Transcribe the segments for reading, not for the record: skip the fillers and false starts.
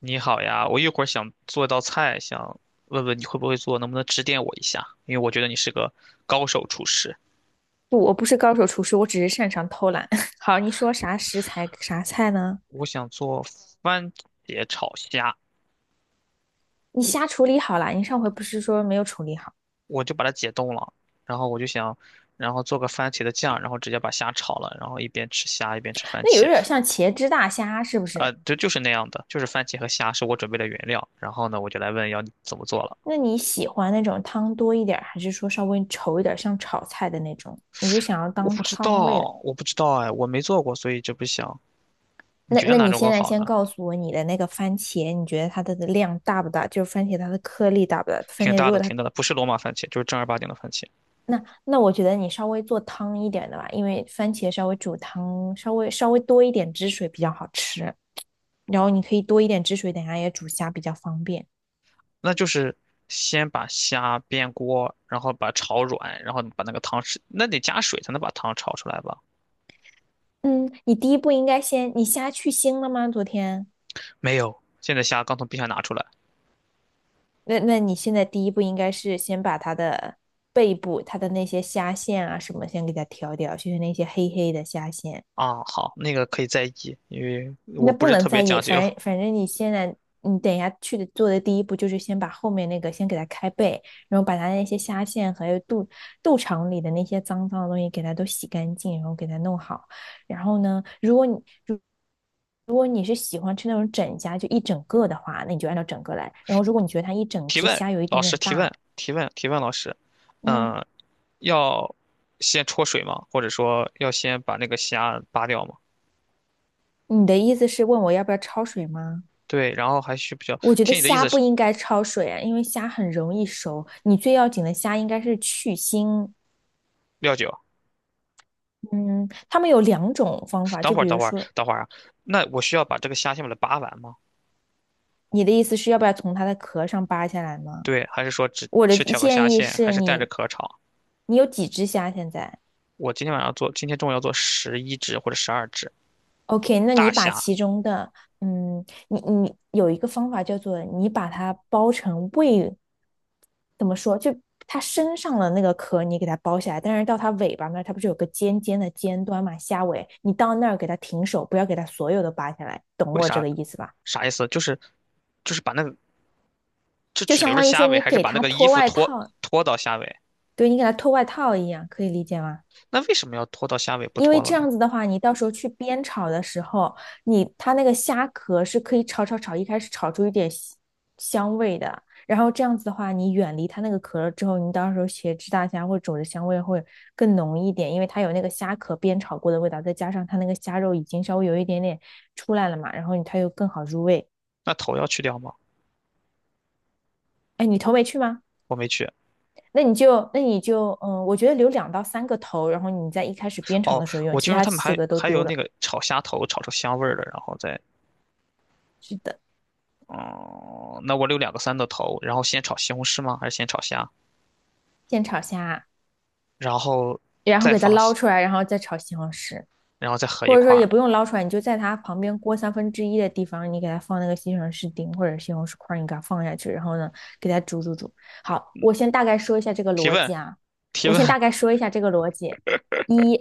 你好呀，我一会儿想做一道菜，想问问你会不会做，能不能指点我一下？因为我觉得你是个高手厨师。不，我不是高手厨师，我只是擅长偷懒。好，你说啥食材啥菜呢？我想做番茄炒虾，你虾处理好了，你上回不是说没有处理好？我就把它解冻了，然后我就想，然后做个番茄的酱，然后直接把虾炒了，然后一边吃虾一边吃番那有茄。点像茄汁大虾，是不啊、是？对，就是那样的，就是番茄和虾是我准备的原料。然后呢，我就来问要你怎么做了。那你喜欢那种汤多一点还是说稍微稠一点像炒菜的那种？你是想要我当不知汤类的？道，我不知道哎，我没做过，所以就不想。你那觉得那哪你种现更在好呢？先告诉我你的那个番茄，你觉得它的量大不大？就是番茄它的颗粒大不大？番挺茄如大果的，它挺大的，不是罗马番茄，就是正儿八经的番茄。那那我觉得你稍微做汤一点的吧，因为番茄稍微煮汤，稍微多一点汁水比较好吃。然后你可以多一点汁水，等下也煮虾比较方便。那就是先把虾煸锅，然后把炒软，然后把那个汤吃，那得加水才能把汤炒出来吧？嗯，你第一步应该先，你虾去腥了吗？昨天？没有，现在虾刚从冰箱拿出来。那你现在第一步应该是先把它的背部、它的那些虾线啊什么先给它挑掉，就是那些黑黑的虾线。啊，好，那个可以再议，因为那我不不是能特别在讲意，究。反正你现在，你等一下去的做的第一步就是先把后面那个先给它开背，然后把它那些虾线还有肚肠里的那些脏脏的东西给它都洗干净，然后给它弄好。然后呢，如如果你是喜欢吃那种整虾，就一整个的话，那你就按照整个来。然后如果你觉得它一整提只问，虾有一老点师点提大，问，提问，提问，老师，嗯，嗯、要先焯水吗？或者说要先把那个虾扒掉吗？你的意思是问我要不要焯水吗？对，然后还需不需要？我觉得听你的意虾思不是应该焯水啊，因为虾很容易熟。你最要紧的虾应该是去腥。料酒。嗯，他们有两种方法，等就会儿，比等如会儿，说，等会儿啊，那我需要把这个虾先把它扒完吗？你的意思是要不要从它的壳上扒下来吗？对，还是说只我的去挑个虾建议线，还是是带着你，壳炒？你有几只虾现在我今天晚上做，今天中午要做11只或者12只？OK,那大你把虾，其中的，你有一个方法叫做你把它包成胃，怎么说？就它身上的那个壳你给它剥下来，但是到它尾巴那儿，它不是有个尖尖的尖端嘛，虾尾，你到那儿给它停手，不要给它所有的扒下来，懂为我这啥？个意思吧？啥意思？就是把那个就就只留相着当于虾说尾，你还是给把那他个衣脱服外脱套，脱到虾尾？对你给他脱外套一样，可以理解吗？那为什么要脱到虾尾不因为脱了这呢？样子的话，你到时候去煸炒的时候，你它那个虾壳是可以炒炒炒，一开始炒出一点香味的。然后这样子的话，你远离它那个壳了之后，你到时候茄汁大虾或者肘子香味会更浓一点，因为它有那个虾壳煸炒过的味道，再加上它那个虾肉已经稍微有一点点出来了嘛，然后它又更好入味。那头要去掉吗？哎，你头没去吗？我没去。那你就，那你就，嗯，我觉得留两到三个头，然后你在一开始煸炒哦，的时候用，我其听说他他们几还个都还有丢了，那个炒虾头，炒出香味儿的，然后再嗯，那我留两个三的头，然后先炒西红柿吗？还是先炒虾，先炒虾，然后然后再给它放捞西出来，然后再炒西红柿。然后再合一或者块说也儿？不用捞出来，你就在它旁边锅三分之一的地方，你给它放那个西红柿丁或者西红柿块儿，你给它放下去，然后呢，给它煮煮煮。好，我先大概说一下这个提逻问辑啊，提我问。先大概说一下这个逻辑。一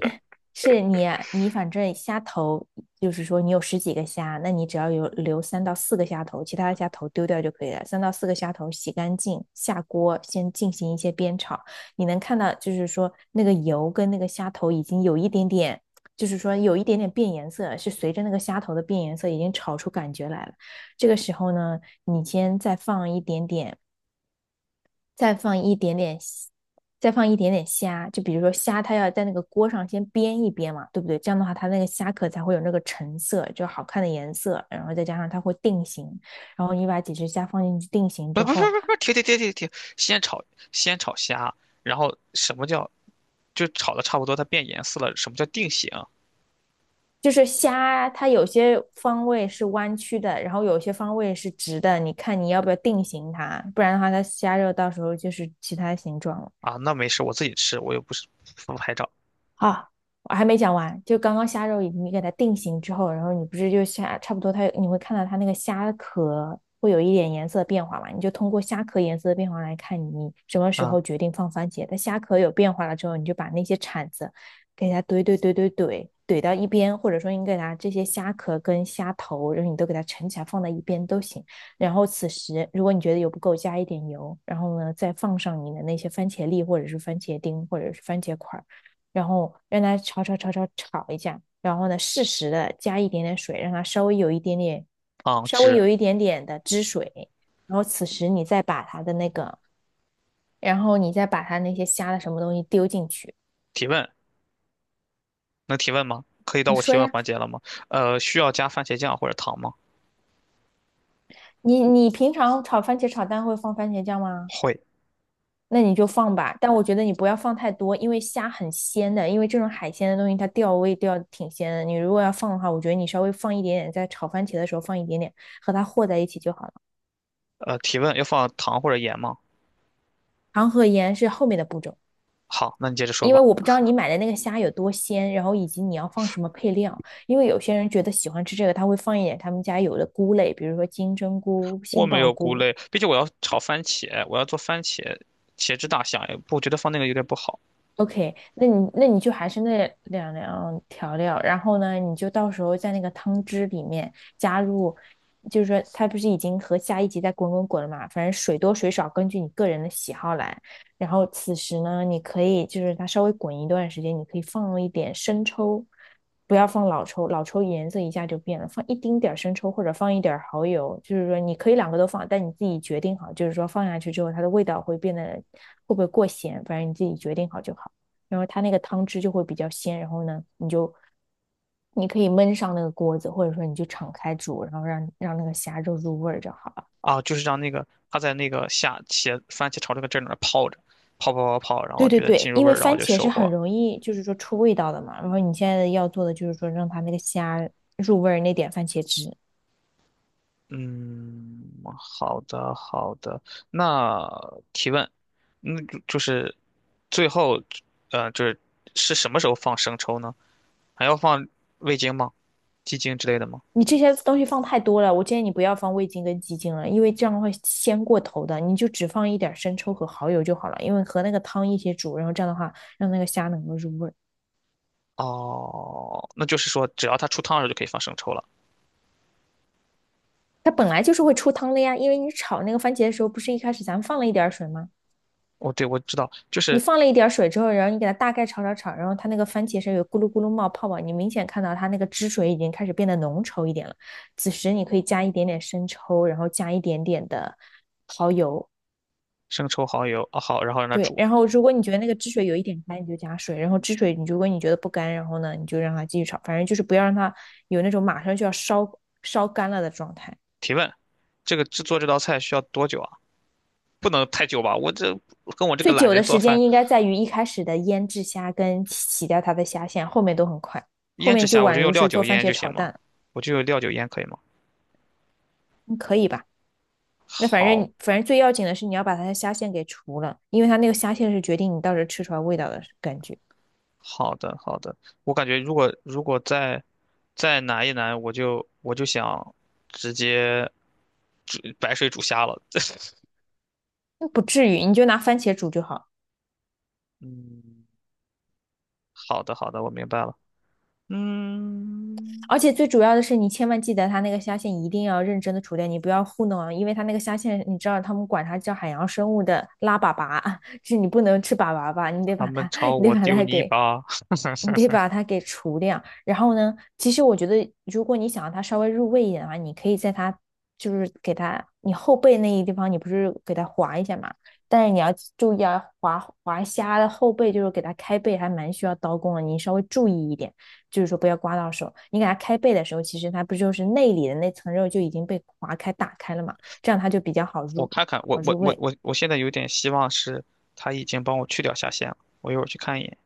是你反正虾头，就是说你有十几个虾，那你只要有留三到四个虾头，其他的虾头丢掉就可以了。三到四个虾头洗干净，下锅先进行一些煸炒。你能看到，就是说那个油跟那个虾头已经有一点点。就是说有一点点变颜色，是随着那个虾头的变颜色已经炒出感觉来了。这个时候呢，你先再放一点点，再放一点点虾，就比如说虾，它要在那个锅上先煸一煸嘛，对不对？这样的话，它那个虾壳才会有那个橙色，就好看的颜色，然后再加上它会定型，然后你把几只虾放进去定型不之不不后，不不，停停停停停，先炒先炒虾，然后什么叫就炒的差不多，它变颜色了，什么叫定型就是虾，它有些方位是弯曲的，然后有些方位是直的，你看你要不要定型它，不然的话它虾肉到时候就是其他形状了。啊？那没事，我自己吃，我又不是不拍照。啊，我还没讲完，就刚刚虾肉你给它定型之后，然后你不是就虾差不多它你会看到它那个虾壳会有一点颜色变化嘛？你就通过虾壳颜色的变化来看你什么时嗯候决定放番茄。它虾壳有变化了之后，你就把那些铲子给它怼怼怼怼怼怼到一边，或者说你给它这些虾壳跟虾头，然后你都给它盛起来放在一边都行。然后此时如果你觉得油不够，加一点油，然后呢再放上你的那些番茄粒或者是番茄丁或者是番茄块。然后让它炒炒炒炒炒一下，然后呢适时的加一点点水，让它稍微有一点点，嗯，稍微只有一点点的汁水，然后此时你再把它的那个，然后你再把它那些虾的什么东西丢进去。提问能提问吗？可以到你我说提问呀，环节了吗？需要加番茄酱或者糖吗？你你平常炒番茄炒蛋会放番茄酱吗？会。那你就放吧，但我觉得你不要放太多，因为虾很鲜的，因为这种海鲜的东西它调味调得挺鲜的。你如果要放的话，我觉得你稍微放一点点，在炒番茄的时候放一点点，和它和在一起就好了。提问要放糖或者盐吗？糖和盐是后面的步骤，好，那你接着说因为吧。我不知道你买的那个虾有多鲜，然后以及你要放什么配料。因为有些人觉得喜欢吃这个，他会放一点他们家有的菇类，比如说金针菇、我杏没鲍有菇菇，类，毕竟我要炒番茄，我要做番茄茄汁大虾，不我觉得放那个有点不好。OK,那你就还是那两样调料，然后呢，你就到时候在那个汤汁里面加入，就是说它不是已经和下一集在滚滚滚了嘛，反正水多水少根据你个人的喜好来。然后此时呢，你可以就是它稍微滚一段时间，你可以放一点生抽，不要放老抽，老抽颜色一下就变了，放一丁点儿生抽或者放一点儿蚝油，就是说你可以两个都放，但你自己决定好，就是说放下去之后它的味道会变得会不会过咸，反正你自己决定好就好。然后它那个汤汁就会比较鲜，然后呢，你可以焖上那个锅子，或者说你就敞开煮，然后让那个虾肉入味儿就好了。啊，就是让那个它在那个下茄番茄炒这个汁儿里面泡着，泡泡泡泡，然对后觉对得对，进入因味为儿，然后番就茄是收很获。容易就是说出味道的嘛，然后你现在要做的就是说让它那个虾入味儿那点番茄汁。嗯，好的好的。那提问，那就就是最后，就是是什么时候放生抽呢？还要放味精吗？鸡精之类的吗？你这些东西放太多了，我建议你不要放味精跟鸡精了，因为这样会鲜过头的。你就只放一点生抽和蚝油就好了，因为和那个汤一起煮，然后这样的话让那个虾能够入味儿。哦，那就是说只要它出汤的时候就可以放生抽了。它本来就是会出汤的呀，因为你炒那个番茄的时候，不是一开始咱们放了一点水吗？哦，对，我知道，就你是放了一点水之后，然后你给它大概炒炒炒，然后它那个番茄是有咕噜咕噜冒泡泡，你明显看到它那个汁水已经开始变得浓稠一点了。此时你可以加一点点生抽，然后加一点点的蚝油，生抽、蚝油，啊、好，然后让它对。煮。然后如果你觉得那个汁水有一点干，你就加水；然后汁水你如果你觉得不干，然后呢你就让它继续炒，反正就是不要让它有那种马上就要烧烧干了的状态。提问，这个制作这道菜需要多久啊？不能太久吧？我这跟我这个最懒久的人做时间饭，应该在于一开始的腌制虾跟洗掉它的虾线，后面都很快，后腌制面就虾我就宛用如料是做酒番腌就茄行炒吗？蛋，我就用料酒腌可以吗？嗯可以吧？那反好正反正最要紧的是你要把它的虾线给除了，因为它那个虾线是决定你到时候吃出来味道的感觉。好的好的，我感觉如果再再难一难，我就想直接煮白水煮虾了。那不至于，你就拿番茄煮就好了。嗯，好的好的，我明白了。嗯，而且最主要的是，你千万记得它那个虾线一定要认真的除掉，你不要糊弄啊，因为它那个虾线，你知道他们管它叫海洋生物的拉粑粑啊，就是你不能吃粑粑吧，他们朝你得我把丢它泥给，巴。你得把 它给除掉。然后呢，其实我觉得，如果你想让它稍微入味一点的话，你可以在它就是给它你后背那一地方，你不是给它划一下嘛？但是你要注意啊，划划虾的后背就是给它开背，还蛮需要刀工的，你稍微注意一点。就是说不要刮到手。你给它开背的时候，其实它不就是内里的那层肉就已经被划开、打开了嘛？这样它就比较我看看，我好我入我味。我我现在有点希望是他已经帮我去掉下线了，我一会儿去看一眼，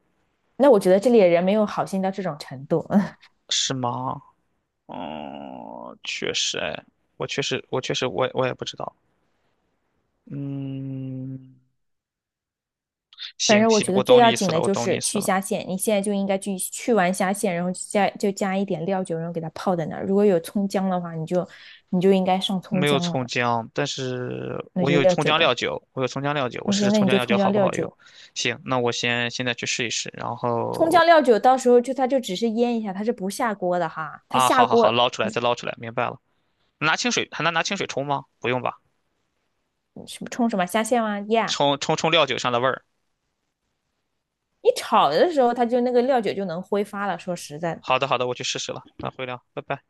那我觉得这里的人没有好心到这种程度。是吗？哦，确实，哎，我确实，我确实，我也不知道。嗯，反行正我行，觉得我最懂你要意紧思的了，我就懂你是意思去了。虾线，你现在就应该去完虾线，然后就加一点料酒，然后给它泡在那儿。如果有葱姜的话，你就应该上我葱没有姜了，葱姜，但是那我就有料葱酒姜料吧。酒，我有葱姜料酒，我试 OK,试那葱你姜就料酒葱好姜不料好用。酒。行，那我先现在去试一试，然葱后姜料酒到时候就它就只是腌一下，它是不下锅的哈。它啊，下好好好，锅捞出来再捞出来，明白了。拿清水还能拿清水冲吗？不用吧，什么冲什么虾线吗？Yeah,冲冲冲料酒上的味儿。你炒的时候，它就那个料酒就能挥发了。说实在的，好的好的，我去试试了，那回聊，拜拜。